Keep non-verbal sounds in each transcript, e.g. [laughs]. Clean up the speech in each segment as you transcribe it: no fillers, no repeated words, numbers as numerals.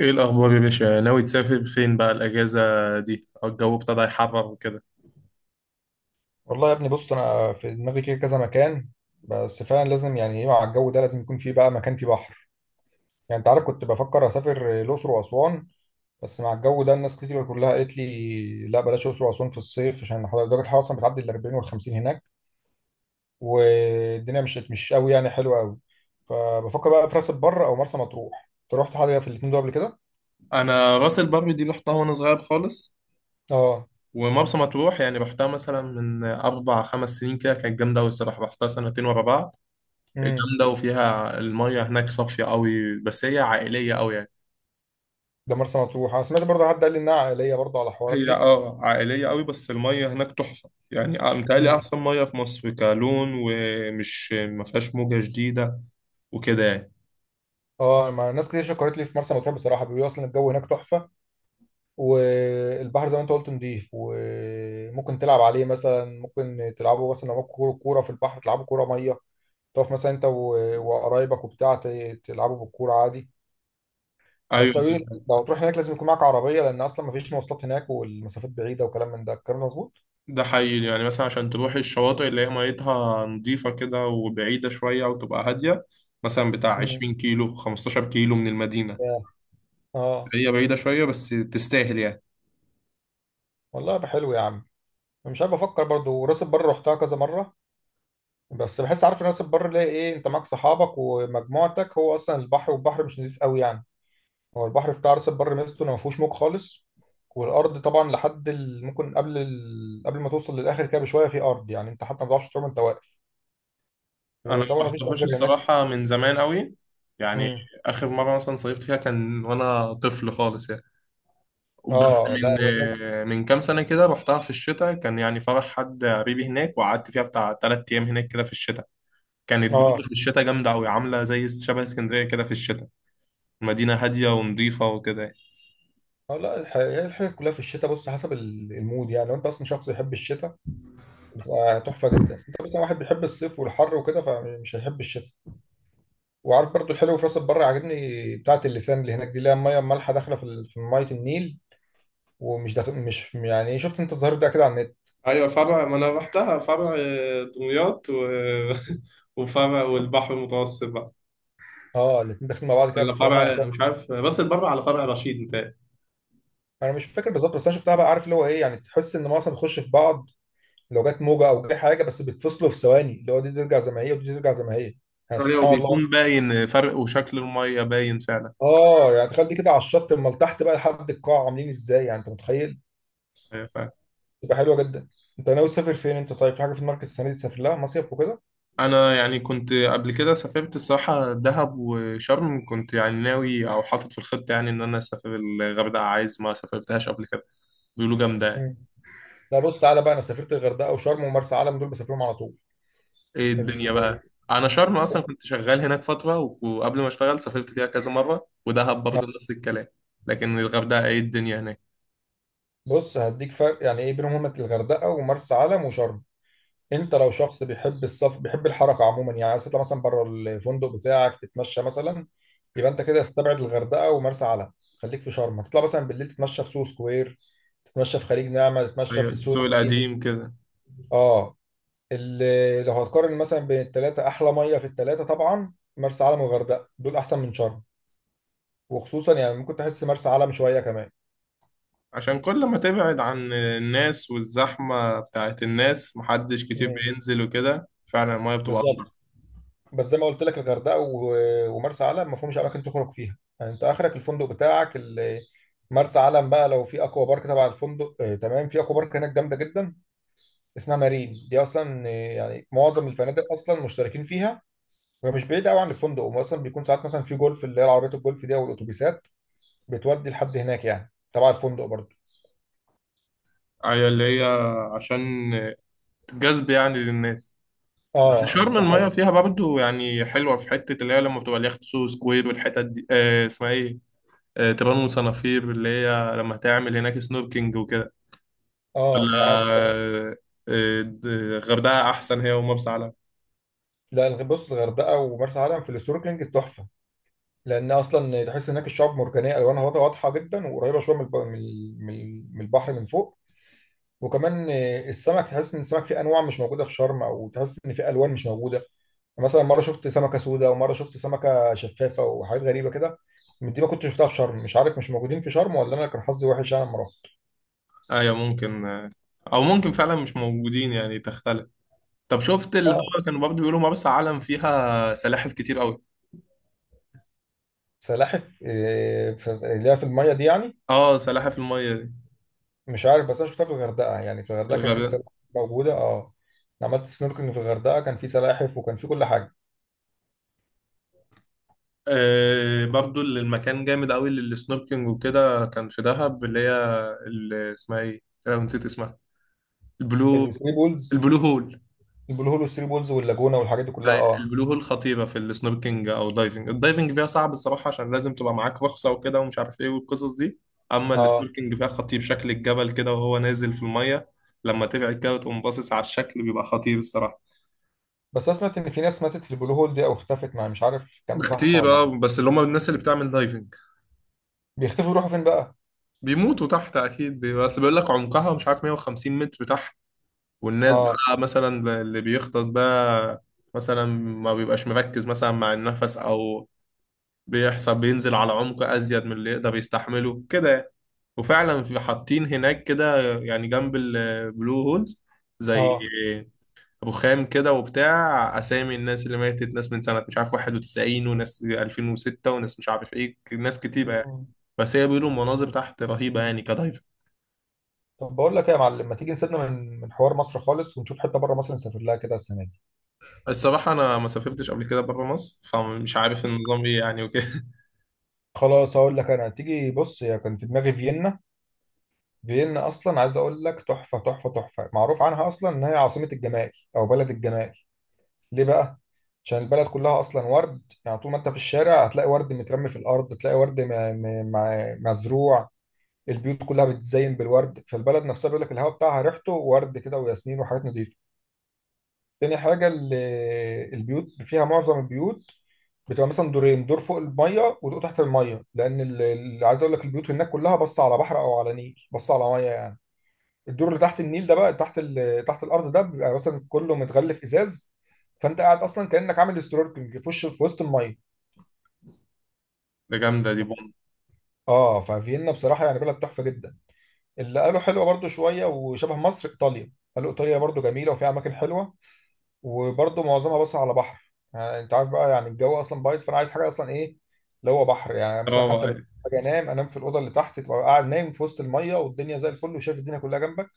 ايه الاخبار يا باشا؟ ناوي تسافر فين بقى الاجازه دي، أو الجو ابتدى يحرر وكده؟ والله يا ابني، بص انا في دماغي كده كذا مكان. بس فعلا لازم يعني ايه، مع الجو ده لازم يكون فيه بقى مكان فيه بحر. يعني انت عارف، كنت بفكر اسافر الاقصر واسوان. بس مع الجو ده الناس كتير كلها قالت لي لا بلاش الاقصر واسوان في الصيف عشان درجه الحراره اصلا بتعدي ال 40 وال 50 هناك. والدنيا مش قوي يعني حلوه قوي. فبفكر بقى في راس البر او مرسى مطروح، انت رحت حاجه في الاثنين دول قبل كده؟ انا راس البر دي رحتها وانا صغير خالص. اه. ومرسى مطروح يعني رحتها مثلا من اربع خمس سنين كده، كانت جامده قوي الصراحه، رحتها سنتين ورا بعض. امم. جامده، وفيها الميه هناك صافيه قوي، بس هي عائليه قوي يعني. ده مرسى مطروح انا سمعت برضه حد قال لي انها عائليه برضه على الحوارات هي دي. اه عائليه قوي، بس الميه هناك تحفه يعني، متهيألي مم. احسن ميه في مصر كلون، ومش ما فيهاش موجه جديده وكده يعني. اه، ما ناس كتير شكرت لي في مرسى مطروح بصراحه، بيقولوا اصلا الجو هناك تحفه. والبحر زي ما انت قلت نضيف وممكن تلعب عليه، مثلا ممكن تلعبوا مثلا لو معاك كوره، كورة في البحر تلعبوا كوره ميه. تقف مثلا انت وقرايبك وبتاع تلعبوا بالكوره عادي. ايوه، بس أوي- لو هتروح هناك لازم يكون معاك عربيه لان اصلا مفيش مواصلات هناك، والمسافات بعيده وكلام من ده، الكلام ده مظبوط؟ ده حقيقي، يعني مثلا عشان تروحي الشواطئ اللي هي ميتها نظيفة كده وبعيدة شوية وتبقى هادية، مثلا بتاع مم. 20 كيلو 15 كيلو من المدينة. اه. آه. هي بعيدة شوية بس تستاهل يعني. والله يبقى حلو يا عم. مش عارف، افكر برضو راس البر رحتها كذا مره. بس بحس، عارف راس البر ليه ايه؟ انت معاك صحابك ومجموعتك، هو اصلا البحر، والبحر مش نضيف قوي يعني. هو البحر بتاع راس البر ميزته انه ما فيهوش موج خالص. والارض طبعا لحد ال... ممكن قبل، ال... قبل ما توصل للاخر كده بشويه في ارض، يعني انت حتى ما تعرفش تقوم، انت واقف. أنا وطبعا ما ما فيش رحتهاش غير هناك. الصراحة من زمان قوي يعني. امم. آخر مرة مثلا صيفت فيها كان وأنا طفل خالص يعني. بس اه لا من هو هناك. من كام سنة كده رحتها في الشتاء، كان يعني فرح حد قريبي هناك، وقعدت فيها بتاع تلات أيام هناك كده في الشتاء. كانت برضه اه. في الشتاء جامدة أوي، عاملة زي شبه اسكندرية كده في الشتاء. مدينة هادية ونظيفة وكده يعني. اه لا هي الحاجة كلها في الشتاء، بص حسب المود يعني. لو انت اصلا شخص بيحب الشتاء بتبقى تحفة جدا. انت مثلا واحد بيحب الصيف والحر وكده، فمش هيحب الشتاء. وعارف برضو الحلو في راس البر عاجبني، بتاعة اللسان اللي هناك دي، اللي هي المية المالحة داخلة في في مية النيل. ومش داخل، مش، يعني شفت انت الظاهر ده كده على النت. ايوه، فرع، ما انا رحتها فرع دمياط [laughs] وفرع والبحر المتوسط بقى. اه، الاتنين داخلين مع بعض كده ولا بصراحه يعني فرع تحفة. مش عارف، راس البر على فرع رشيد متهيألي. انا مش فاكر بالظبط، بس انا شفتها بقى، عارف اللي هو ايه، يعني تحس ان معظم بيخش في بعض. لو جت موجه او جه حاجه بس، بيتفصلوا في ثواني، اللي هو دي ترجع زي ما هي ودي ترجع زي ما هي. يعني فرع، وبيكون سبحان الله. بيكون باين فرق، وشكل المية باين فعلا. اه يعني تخيل دي كده على الشط، امال تحت بقى لحد القاع عاملين ازاي، يعني انت متخيل؟ أيوة فعلا. تبقى حلوه جدا. انت ناوي تسافر فين انت؟ طيب في حاجه في دماغك السنه دي تسافر لها مصيف وكده؟ أنا يعني كنت قبل كده سافرت الصراحة دهب وشرم، كنت يعني ناوي أو حاطط في الخطة يعني إن أنا أسافر الغردقة، عايز ما سافرتهاش قبل كده. بيقولوا جامدة يعني. مم. لا بص، تعالى بقى انا سافرت الغردقه وشرم ومرسى علم، دول بسافرهم على طول. ايه ال- الدنيا بقى؟ انا شرم اصلا كنت شغال هناك فتره وقبل ما اشتغل سافرت فيها كذا مره، ودهب برضه نفس الكلام. لكن الغردقه ايه الدنيا هناك. بص، هديك فرق يعني ايه بينهم، هما الغردقه ومرسى علم وشرم. انت لو شخص بيحب السفر بيحب الحركه عموما، يعني عايز تطلع مثلا بره الفندق بتاعك تتمشى مثلا، يبقى انت كده استبعد الغردقه ومرسى علم. خليك في شرم، تطلع مثلا بالليل تتمشى في سوق سكوير، تتمشى في خليج نعمه، تتمشى ايوه، في السوق السوق القديم. القديم كده. اه. لو هتقارن مثلا بين الثلاثه، احلى ميه في الثلاثه طبعا مرسى علم والغردقه، دول احسن من شرم. وخصوصا يعني ممكن تحس مرسى علم شويه كمان. عشان كل ما تبعد عن الناس والزحمه بتاعت الناس، محدش كتير مم. بينزل وكده، فعلا المايه بتبقى بالظبط. انضف. بس زي ما قلت لك الغردقه ومرسى علم ما فيهمش اماكن تخرج فيها، يعني انت اخرك الفندق بتاعك. مرسى علم بقى لو في اكوا بارك تبع الفندق، تمام، في اكوا بارك هناك جامده جدا. اسمها مارين دي اصلا، يعني معظم الفنادق اصلا مشتركين فيها. وهي مش بعيده قوي عن الفندق، واصلا بيكون ساعات مثلا في جولف، اللي هي العربيات الجولف دي او الاتوبيسات بتودي لحد هناك يعني، تبع الفندق برضه. ايوه، اللي هي عشان جذب يعني للناس. بس اه شرم بتبقى المايه حلوه. فيها برضه يعني حلوه، في حته اللي هي لما بتبقى اليخت سو سكوير والحتت دي، اسمها ايه؟ تبان وصنافير، اللي هي لما تعمل هناك سنوركينج وكده. اه ما ولا انا عارف بقى. الغردقة أحسن، هي ومرسى علم. لا بص، الغردقه ومرسى علم في السنوركلينج تحفه. لان اصلا تحس هناك الشعاب مرجانيه الوانها واضحة جدا، وقريبه شويه من من البحر من فوق. وكمان السمك تحس ان السمك فيه انواع مش موجوده في شرم، او تحس ان فيه الوان مش موجوده. يعني مثلا مره شفت سمكه سوداء، ومره شفت سمكه شفافه، وحاجات غريبه كده من دي ما كنتش شفتها في شرم. مش عارف، مش موجودين في شرم ولا انا كان حظي وحش انا لما رحت. أيوة ممكن، أو ممكن فعلا مش موجودين يعني تختلف. طب شفت، اللي اه. هو كانوا برضه بيقولوا مرسى علم فيها سلاحف كتير أوي؟ سلاحف، اللي هي في الميه دي يعني. اه، سلاحف المية دي. مش عارف، بس انا شفتها في الغردقه، يعني في الغردقه كان في الغردقة. سلاحف موجوده اه. أنا عملت سنوركلينج في الغردقه، كان في سلاحف وكان في كل حاجه. آه، برضه اللي المكان جامد أوي للسنوركينج وكده، كان في دهب اللي هي. اللي اسمها ايه؟ أنا نسيت اسمها. البلو الثري بولز. البلو هول. البلو هول والثري بولز واللاجونة والحاجات دي أي- كلها اه. البلو هول خطيرة في السنوركينج أو الدايفنج. الدايفنج فيها صعب الصراحة، عشان لازم تبقى معاك رخصة وكده ومش عارف إيه والقصص دي. أما اه السنوركينج فيها خطير، شكل الجبل كده وهو نازل في المية. لما تبعد كده وتقوم باصص على الشكل، بيبقى خطير الصراحة. بس انا سمعت ان في ناس ماتت في البلو هول دي او اختفت، مع مش عارف كان ده ده صح كتير ولا اه، لا. بس اللي هم الناس اللي بتعمل دايفنج. بيختفوا يروحوا فين بقى؟ بيموتوا تحت اكيد بس بيقول لك عمقها مش عارف 150 متر تحت. والناس اه. بقى مثلا اللي بيغطس ده، مثلا ما بيبقاش مركز مثلا مع النفس، او بيحصل بينزل على عمق أزيد من اللي يقدر يستحمله كده يعني. وفعلا في حاطين هناك كده يعني جنب البلو هولز، زي اه. رخام كده وبتاع أسامي الناس اللي ماتت، ناس من سنة مش عارف 91، وناس 2006، وناس مش عارف إيه، ناس كتيرة يعني. مم. بس هي بيقولوا المناظر تحت رهيبة يعني كدايفنج. طب بقول لك ايه يا معلم، ما تيجي نسيبنا من حوار مصر خالص ونشوف حته بره مصر نسافر لها كده السنه دي؟ الصراحة أنا ما سافرتش قبل كده بره مصر، فمش عارف النظام إيه يعني وكده. خلاص هقول لك، انا تيجي بص، هي كان في دماغي فيينا. فيينا اصلا عايز اقول لك تحفه تحفه تحفه، معروف عنها اصلا ان هي عاصمه الجمال او بلد الجمال. ليه بقى؟ عشان البلد كلها اصلا ورد، يعني طول ما انت في الشارع هتلاقي ورد مترمي في الارض، تلاقي ورد مزروع. البيوت كلها بتزين بالورد، فالبلد نفسها بيقول لك الهواء بتاعها ريحته ورد كده وياسمين وحاجات نظيفه. تاني حاجه، البيوت فيها، معظم البيوت بتبقى مثلا دورين، دور فوق الميه ودور تحت الميه. لان عايز اقول لك البيوت هناك كلها بص على بحر او على نيل، بص على ميه يعني. الدور اللي تحت النيل ده بقى، تحت ال... تحت الارض ده بيبقى مثلا كله متغلف ازاز. فانت قاعد اصلا كانك عامل سنوركلينج في وش، في وسط الميه. [laughs] ده جامدة، دي بوم. اه ففيينا بصراحه يعني بلد تحفه جدا. اللي قالوا حلوه برضو شويه وشبه مصر ايطاليا، قالوا ايطاليا برضو جميله وفيها اماكن حلوه. وبرضو معظمها بس على بحر، يعني انت عارف بقى، يعني الجو اصلا بايظ، فانا عايز حاجه اصلا ايه، اللي هو بحر يعني. مثلا روعة حتى لما يعني. اجي انام، انام في الاوضه اللي تحت، تبقى قاعد نايم في وسط الميه والدنيا زي الفل، وشايف الدنيا كلها جنبك.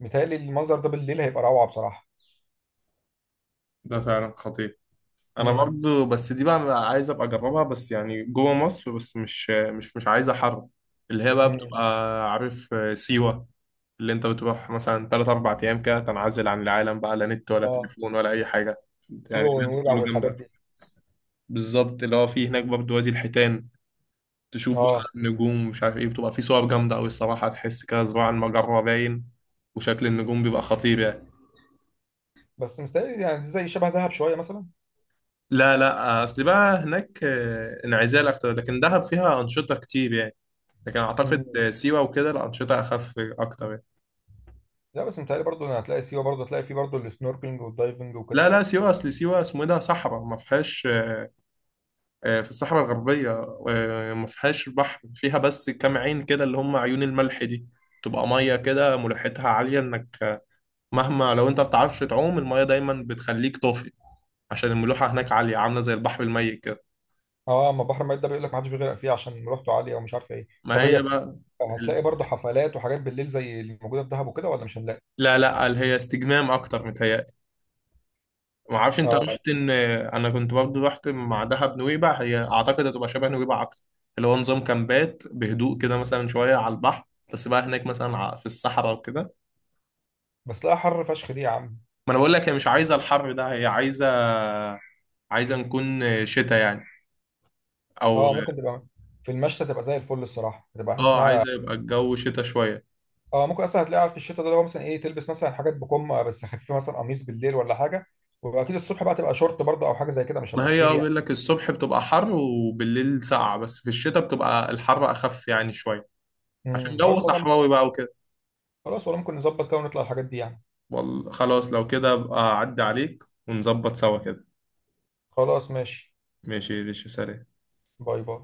متهيألي المنظر ده بالليل هيبقى روعه بصراحه. ده فعلا خطير. انا برضو، بس دي بقى عايز ابقى اجربها، بس يعني جوه مصر، بس مش عايز حر. اللي هي بقى امم. بتبقى، عارف سيوة. اللي انت بتروح مثلا 3 4 ايام كده، تنعزل عن العالم بقى، لا نت ولا اه تليفون ولا اي حاجة، يعني سيوه الناس ونويبع بتقولوا والحاجات جامدة. دي. بالظبط، اللي هو في هناك برضو وادي الحيتان، تشوف بقى اه النجوم مش عارف ايه، بتبقى في صور جامدة قوي الصراحة، تحس كده صباع المجرة باين، وشكل النجوم بيبقى خطير يعني. بس مستاهل يعني، دي زي شبه دهب شويه مثلا. لا، لا، اصل بقى هناك انعزال اكتر، لكن دهب فيها انشطة كتير يعني. لكن اعتقد مم. سيوه وكده الانشطه اخف اكتر يعني. لا بس متهيألي برضه إن هتلاقي سيوه، برضه هتلاقي فيه برضه السنوركلينج والدايفنج وكده. لا، لا، سيوه اصل سيوه اسمه إيه، ده صحراء ما فيهاش. في الصحراء الغربيه. ما فيهاش بحر، فيها بس كام عين كده اللي هم عيون الملح دي. تبقى ميه كده ملوحتها عاليه، انك، مهما لو انت ما بتعرفش تعوم الميه دايما بتخليك طافي. عشان الملوحه هناك عاليه، عامله زي البحر الميت كده. اه، اما بحر ميت ده بيقول لك ما حدش بيغرق فيه عشان مروحته عاليه او مش عارف ايه. ما طب هي هي في، بقى. ال- هتلاقي برضه حفلات وحاجات بالليل زي اللي موجوده في دهب وكده، ولا مش هنلاقي؟ لا، لا، هي استجمام اكتر متهيألي. ما اعرفش انت اه. رحت، ان انا كنت برضه رحت مع دهب نويبع، هي اعتقد هتبقى شبه نويبع اكتر. اللي هو نظام كامبات بهدوء كده، مثلا شويه على البحر. بس بقى هناك مثلا في الصحراء وكده. بس لا حر فشخ دي يا عم. ما انا بقول لك، هي مش عايزه الحر ده، هي عايزه، عايزه نكون شتاء يعني. او. اه ممكن تبقى، في المشتى تبقى زي الفل الصراحه، تبقى حاسس اه، انها، عايزه يبقى الجو شتاء شويه. اه ممكن اصلا هتلاقيها في الشتاء ده، اللي هو مثلا ايه، تلبس مثلا حاجات بكم بس خفيفه، مثلا قميص بالليل ولا حاجه. واكيد الصبح بقى تبقى شورت برضه او حاجه زي كده، مش ما هبقى هي كتير اه يعني. بيقول لك، الصبح بتبقى حر وبالليل ساقعه، بس في الشتاء بتبقى الحر اخف يعني شويه. عشان جو خلاص والله. صحراوي بقى وكده. خلاص والله ممكن نظبط كده ونطلع الحاجات دي يعني. خلاص، لو كده ابقى اعدي عليك ونظبط سوا كده. خلاص ماشي. ماشي، ماشي، سلام. باي باي.